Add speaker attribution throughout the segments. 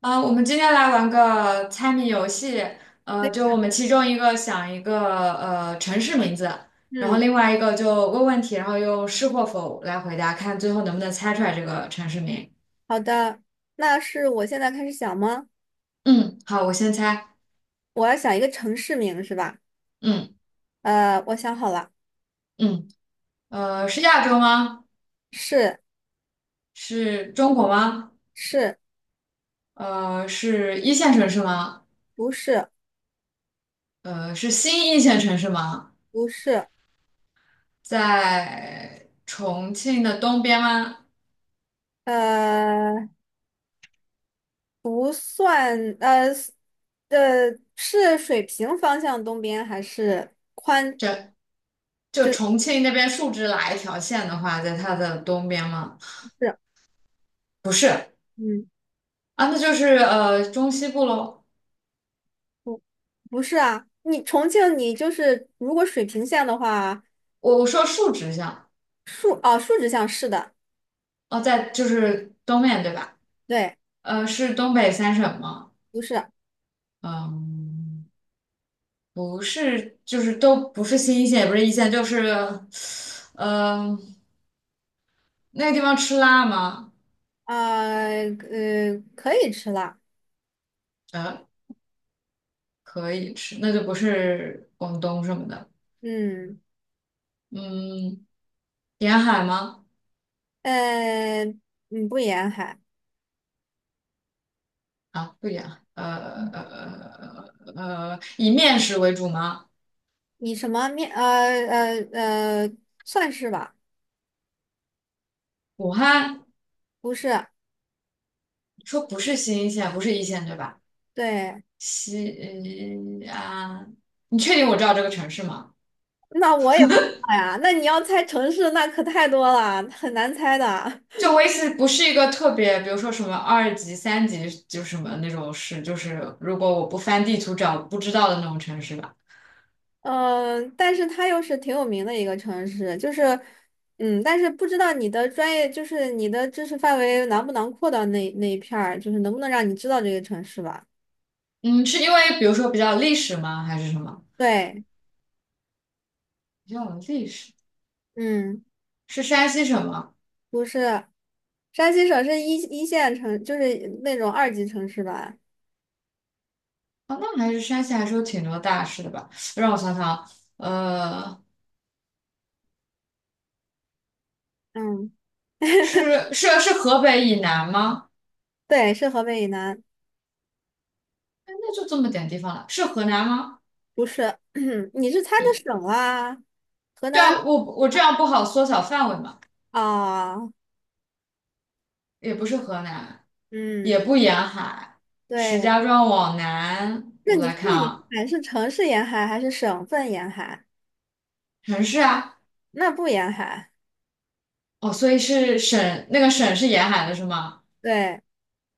Speaker 1: 我们今天来玩个猜谜游戏。就我们其中一个想一个城市名字，然后
Speaker 2: 嗯，
Speaker 1: 另外一个就问问题，然后用是或否来回答，看最后能不能猜出来这个城市名。
Speaker 2: 好的。那是我现在开始想吗？
Speaker 1: 嗯，好，我先猜。
Speaker 2: 我要想一个城市名是吧？
Speaker 1: 嗯
Speaker 2: 我想好了。
Speaker 1: 嗯，是亚洲吗？
Speaker 2: 是
Speaker 1: 是中国吗？
Speaker 2: 是，
Speaker 1: 是一线城市吗？
Speaker 2: 不是
Speaker 1: 是新一线城市吗？
Speaker 2: 不是。
Speaker 1: 在重庆的东边吗？
Speaker 2: 呃，不算，是水平方向东边还是
Speaker 1: 这。就重庆那边竖直哪一条线的话，在它的东边吗？
Speaker 2: 是？
Speaker 1: 不是
Speaker 2: 嗯，
Speaker 1: 啊，那就是中西部喽。
Speaker 2: 不不是啊，你重庆你就是如果水平线的话，
Speaker 1: 我说竖直向，
Speaker 2: 竖直向是的。
Speaker 1: 哦，在就是东面对吧？
Speaker 2: 对，
Speaker 1: 是东北三省吗？
Speaker 2: 不是啊。
Speaker 1: 嗯，不是，就是都不是新一线，也不是一线，就是。嗯、呃那个地方吃辣吗？
Speaker 2: 可以吃了。
Speaker 1: 呃，可以吃，那就不是广东什么的。
Speaker 2: 嗯。
Speaker 1: 嗯，沿海吗？
Speaker 2: 呃，嗯，不沿海。
Speaker 1: 啊，不一样，以面食为主吗？
Speaker 2: 你什么面？呃呃，算是吧。
Speaker 1: 武汉。
Speaker 2: 不是，
Speaker 1: 说不是新一线，不是一线对吧？
Speaker 2: 对。
Speaker 1: 西安，你确定我知道这个城市吗？
Speaker 2: 那我也不知道呀。那你要猜城市，那可太多了，很难猜的。
Speaker 1: 就我意思，不是一个特别，比如说什么二级、三级，就是什么那种市，就是如果我不翻地图找不知道的那种城市吧。
Speaker 2: 但是它又是挺有名的一个城市，就是，但是不知道你的专业，就是你的知识范围囊不囊括到那一片儿，就是能不能让你知道这个城市吧？
Speaker 1: 嗯，是因为比如说比较有历史吗？还是什么？
Speaker 2: 对。
Speaker 1: 比较有历史。
Speaker 2: 嗯。
Speaker 1: 是山西省吗？
Speaker 2: 不是，山西省是一线城，就是那种二级城市吧。
Speaker 1: 哦，那还是山西还是有挺多大市的吧？让我想想。呃。
Speaker 2: 嗯，
Speaker 1: 是河北以南吗？
Speaker 2: 对，是河北以南。
Speaker 1: 哎，那就这么点地方了，是河南吗？
Speaker 2: 不是，你是猜
Speaker 1: 以
Speaker 2: 的省啊？河
Speaker 1: 对
Speaker 2: 南
Speaker 1: 啊，我这样不好缩小范围嘛，
Speaker 2: 啊。
Speaker 1: 也不是河南，也
Speaker 2: 嗯，
Speaker 1: 不沿海，石
Speaker 2: 对。
Speaker 1: 家庄往南，
Speaker 2: 那
Speaker 1: 我
Speaker 2: 你
Speaker 1: 来
Speaker 2: 说
Speaker 1: 看
Speaker 2: 的沿
Speaker 1: 啊，
Speaker 2: 海是城市沿海还是省份沿海？
Speaker 1: 城市啊，
Speaker 2: 那不沿海。
Speaker 1: 哦，所以是省，那个省是沿海的是吗？
Speaker 2: 对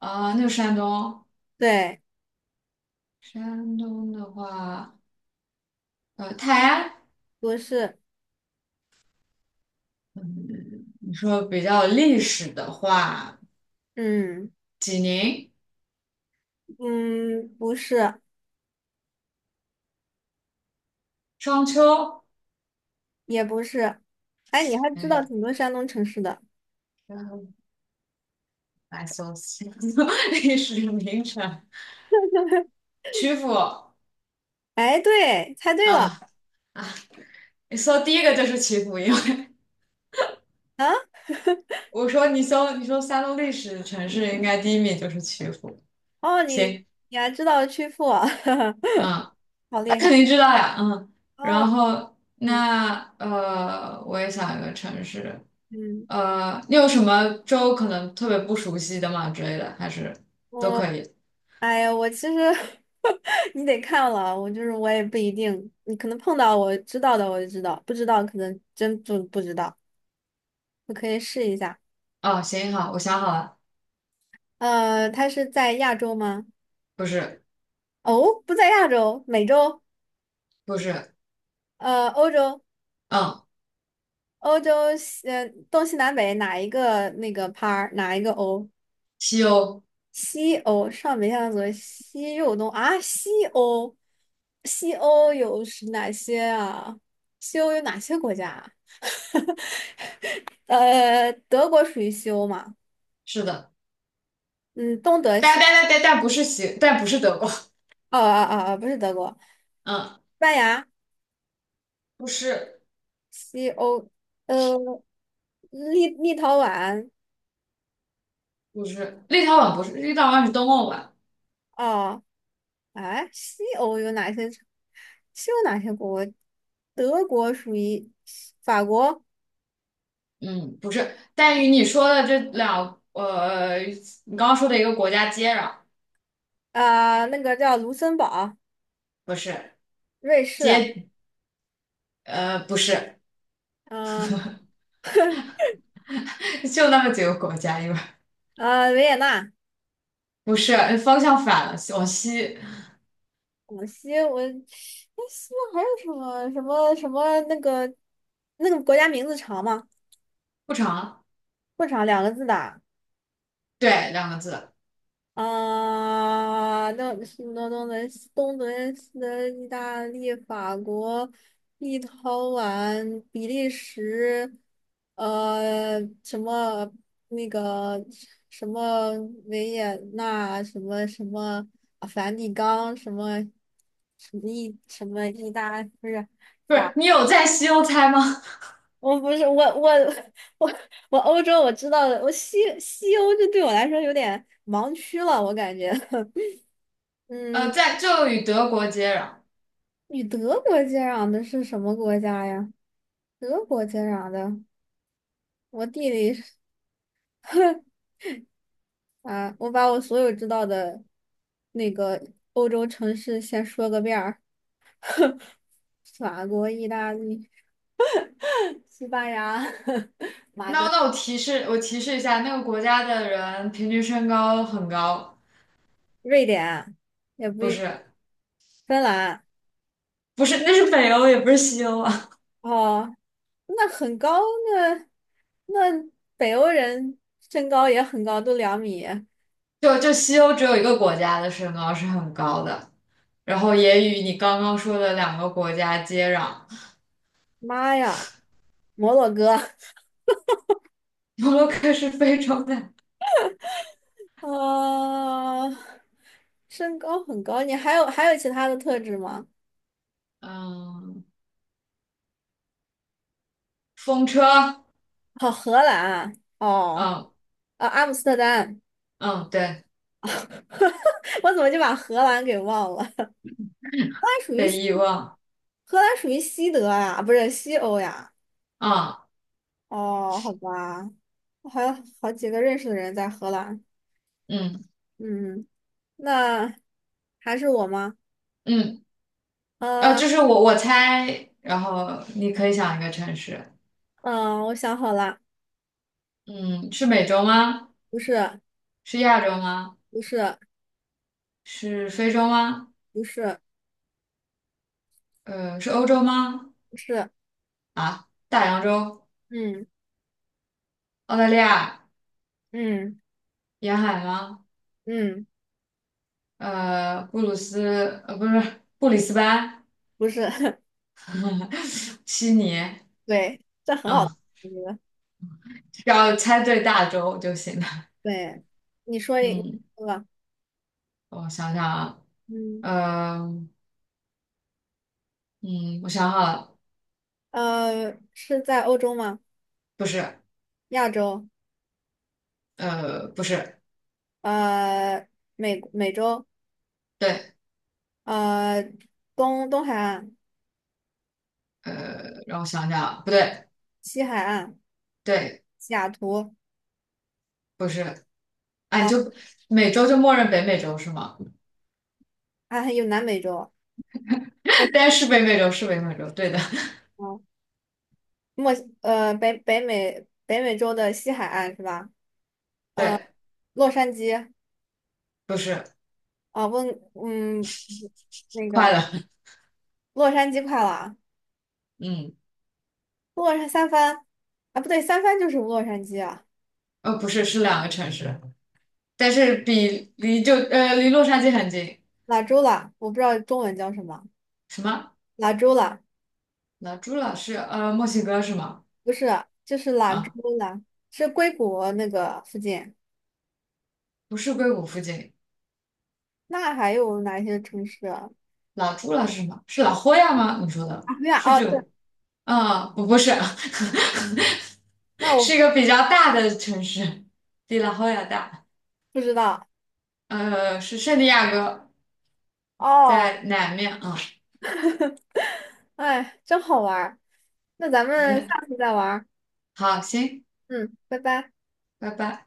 Speaker 1: 啊、那个山东，
Speaker 2: 对，
Speaker 1: 山东的话，泰安，
Speaker 2: 不是。
Speaker 1: 嗯，你说比较历史的话，
Speaker 2: 嗯
Speaker 1: 济宁、
Speaker 2: 嗯，不是，
Speaker 1: 商丘。
Speaker 2: 也不是。哎，你还知道
Speaker 1: 哎，
Speaker 2: 挺多山东城市的。
Speaker 1: 来搜星座 历史名城，曲阜
Speaker 2: 哎，对，猜对了
Speaker 1: 啊啊！你搜第一个就是曲阜，因为
Speaker 2: 啊。
Speaker 1: 我说你说山东历史城市，应该第一名就是曲阜。
Speaker 2: 哦，你
Speaker 1: 行，
Speaker 2: 你还知道曲阜。
Speaker 1: 嗯，
Speaker 2: 好
Speaker 1: 那
Speaker 2: 厉
Speaker 1: 肯
Speaker 2: 害
Speaker 1: 定知道呀，嗯。然
Speaker 2: 哦。
Speaker 1: 后
Speaker 2: 嗯
Speaker 1: 那我也想一个城市，
Speaker 2: 嗯。
Speaker 1: 你有什么州可能特别不熟悉的吗之类的，还是都可以？
Speaker 2: 哎呀，我其实 你得看了，我就是我也不一定，你可能碰到我知道的我就知道，不知道可能真就不知道。我可以试一下。
Speaker 1: 哦，行，好，我想好了，
Speaker 2: 它是在亚洲吗？
Speaker 1: 不是，
Speaker 2: 哦，不在亚洲。美洲？
Speaker 1: 不是，
Speaker 2: 欧洲？
Speaker 1: 嗯，
Speaker 2: 欧洲西，东西南北哪一个那个 PA 哪一个欧？
Speaker 1: 西欧，
Speaker 2: 西欧上北下左西右东啊，西欧，西欧有是哪些啊？西欧有哪些国家啊？德国属于西欧嘛？
Speaker 1: 是的。
Speaker 2: 嗯，东德
Speaker 1: 但但
Speaker 2: 西，
Speaker 1: 但但但不是西，但不是德国，
Speaker 2: 哦哦哦，哦不是德国，西
Speaker 1: 嗯，
Speaker 2: 班牙
Speaker 1: 不是
Speaker 2: 西欧。呃，立陶宛
Speaker 1: 不是，立陶宛不是，立陶宛是东欧吧？
Speaker 2: 哦。哎，西欧有哪些？西欧哪些国？德国属于法国。
Speaker 1: 嗯，不是，但与你说的这两，你刚刚说的一个国家接壤，
Speaker 2: 啊、那个叫卢森堡。
Speaker 1: 不是
Speaker 2: 瑞士。
Speaker 1: 接，不是，
Speaker 2: 嗯、
Speaker 1: 就那么几个国家，因为
Speaker 2: 维也纳。
Speaker 1: 不是方向反了，往西
Speaker 2: 广西，我哎，西藏还有什么什么什么那个国家名字长吗？
Speaker 1: 不长，
Speaker 2: 不长，2个字的。
Speaker 1: 对，两个字，
Speaker 2: 啊，那东德西德意大利、法国、立陶宛、比利时，什么那个什么维也纳，什么什么啊梵蒂冈，什么什么意什么意大，不是。
Speaker 1: 不是，你有在西欧猜吗？
Speaker 2: 我不是，我 我我欧洲我知道的。我西欧就对我来说有点盲区了，我感觉。嗯。
Speaker 1: 在就与德国接壤。
Speaker 2: 与德国接壤的是什么国家呀？德国接壤的，我地理是 啊，我把我所有知道的那个欧洲城市先说个遍儿：法国、意大利、西班牙、
Speaker 1: 那我提示一下，那个国家的人平均身高很高，
Speaker 2: 瑞典，也不
Speaker 1: 不
Speaker 2: 一
Speaker 1: 是。
Speaker 2: 芬兰。
Speaker 1: 不是，那是北欧，也不是西欧啊。
Speaker 2: 哦，那很高。那那北欧人身高也很高，都2米。
Speaker 1: 就西欧只有一个国家的身高是很高的，然后也与你刚刚说的两个国家接壤。
Speaker 2: 妈呀，摩洛哥。
Speaker 1: 摩洛哥是非洲的，
Speaker 2: 啊，身高很高，你还有其他的特质吗？
Speaker 1: 嗯，风车，
Speaker 2: 好，荷兰哦。
Speaker 1: 嗯
Speaker 2: 啊，阿姆斯特丹。
Speaker 1: 嗯，对，
Speaker 2: 我怎么就把荷兰给忘了？
Speaker 1: 被遗忘，
Speaker 2: 荷兰属于西德呀，不是西欧呀？
Speaker 1: 啊，
Speaker 2: 哦，好吧。我还有好几个认识的人在荷兰。
Speaker 1: 嗯
Speaker 2: 嗯，那还是我吗？
Speaker 1: 嗯，
Speaker 2: 啊，
Speaker 1: 就是我猜，然后你可以想一个城市，
Speaker 2: 嗯，我想好了。
Speaker 1: 嗯，是美洲吗？
Speaker 2: 不是，
Speaker 1: 是亚洲吗？
Speaker 2: 不是，
Speaker 1: 是非洲吗？
Speaker 2: 不是，
Speaker 1: 是欧洲吗？
Speaker 2: 不是，
Speaker 1: 啊，大洋洲，
Speaker 2: 嗯
Speaker 1: 澳大利亚
Speaker 2: 嗯
Speaker 1: 沿海吗？
Speaker 2: 嗯，
Speaker 1: 布鲁斯，不是布里斯班，
Speaker 2: 不是。
Speaker 1: 悉尼，
Speaker 2: 对，这很好。
Speaker 1: 啊，
Speaker 2: 我觉得。
Speaker 1: 只要猜对大洲就行了。
Speaker 2: 对，你说一
Speaker 1: 嗯，
Speaker 2: 个吧
Speaker 1: 我想想啊，
Speaker 2: 嗯。
Speaker 1: 呃，嗯，我想好了，
Speaker 2: 是在欧洲吗？
Speaker 1: 不是，
Speaker 2: 亚洲？
Speaker 1: 不是，
Speaker 2: 呃，美洲，
Speaker 1: 对，
Speaker 2: 呃，东海岸、
Speaker 1: 让我想想啊不对，
Speaker 2: 西海岸、
Speaker 1: 对，
Speaker 2: 西雅图？
Speaker 1: 不是，啊，你就美洲就默认北美洲是吗？
Speaker 2: 啊，还有南美洲。墨
Speaker 1: 但是北美洲是北美洲，对的，
Speaker 2: 哦墨西呃北北美北美洲的西海岸是吧？
Speaker 1: 对，
Speaker 2: 洛杉矶
Speaker 1: 不是，
Speaker 2: 啊，嗯，那
Speaker 1: 快
Speaker 2: 个
Speaker 1: 了，
Speaker 2: 洛杉矶快了。
Speaker 1: 嗯，
Speaker 2: 三藩啊，不对，三藩就是洛杉矶啊。
Speaker 1: 不是，是两个城市，但是比离就呃离洛杉矶很近。
Speaker 2: 拉州了，我不知道中文叫什么，
Speaker 1: 什么？
Speaker 2: 拉州了。
Speaker 1: 老朱老师，墨西哥是吗？
Speaker 2: 不是，就是兰州
Speaker 1: 啊，
Speaker 2: 啦，是硅谷那个附近。
Speaker 1: 不是硅谷附近。
Speaker 2: 那还有哪些城市啊？
Speaker 1: 老朱老师是吗？是老霍亚吗？你说的
Speaker 2: 啊，对啊
Speaker 1: 是
Speaker 2: 哦，
Speaker 1: 这
Speaker 2: 对，
Speaker 1: 个？啊，不是，
Speaker 2: 那
Speaker 1: 是
Speaker 2: 我
Speaker 1: 一个比较大的城市，比老霍亚大。
Speaker 2: 不知道
Speaker 1: 是圣地亚哥，
Speaker 2: 哦。
Speaker 1: 在南面啊，
Speaker 2: 哎，真好玩儿。那咱
Speaker 1: 云
Speaker 2: 们
Speaker 1: 南。
Speaker 2: 下次再玩儿。
Speaker 1: 好，行，
Speaker 2: 嗯，拜拜。
Speaker 1: 拜拜。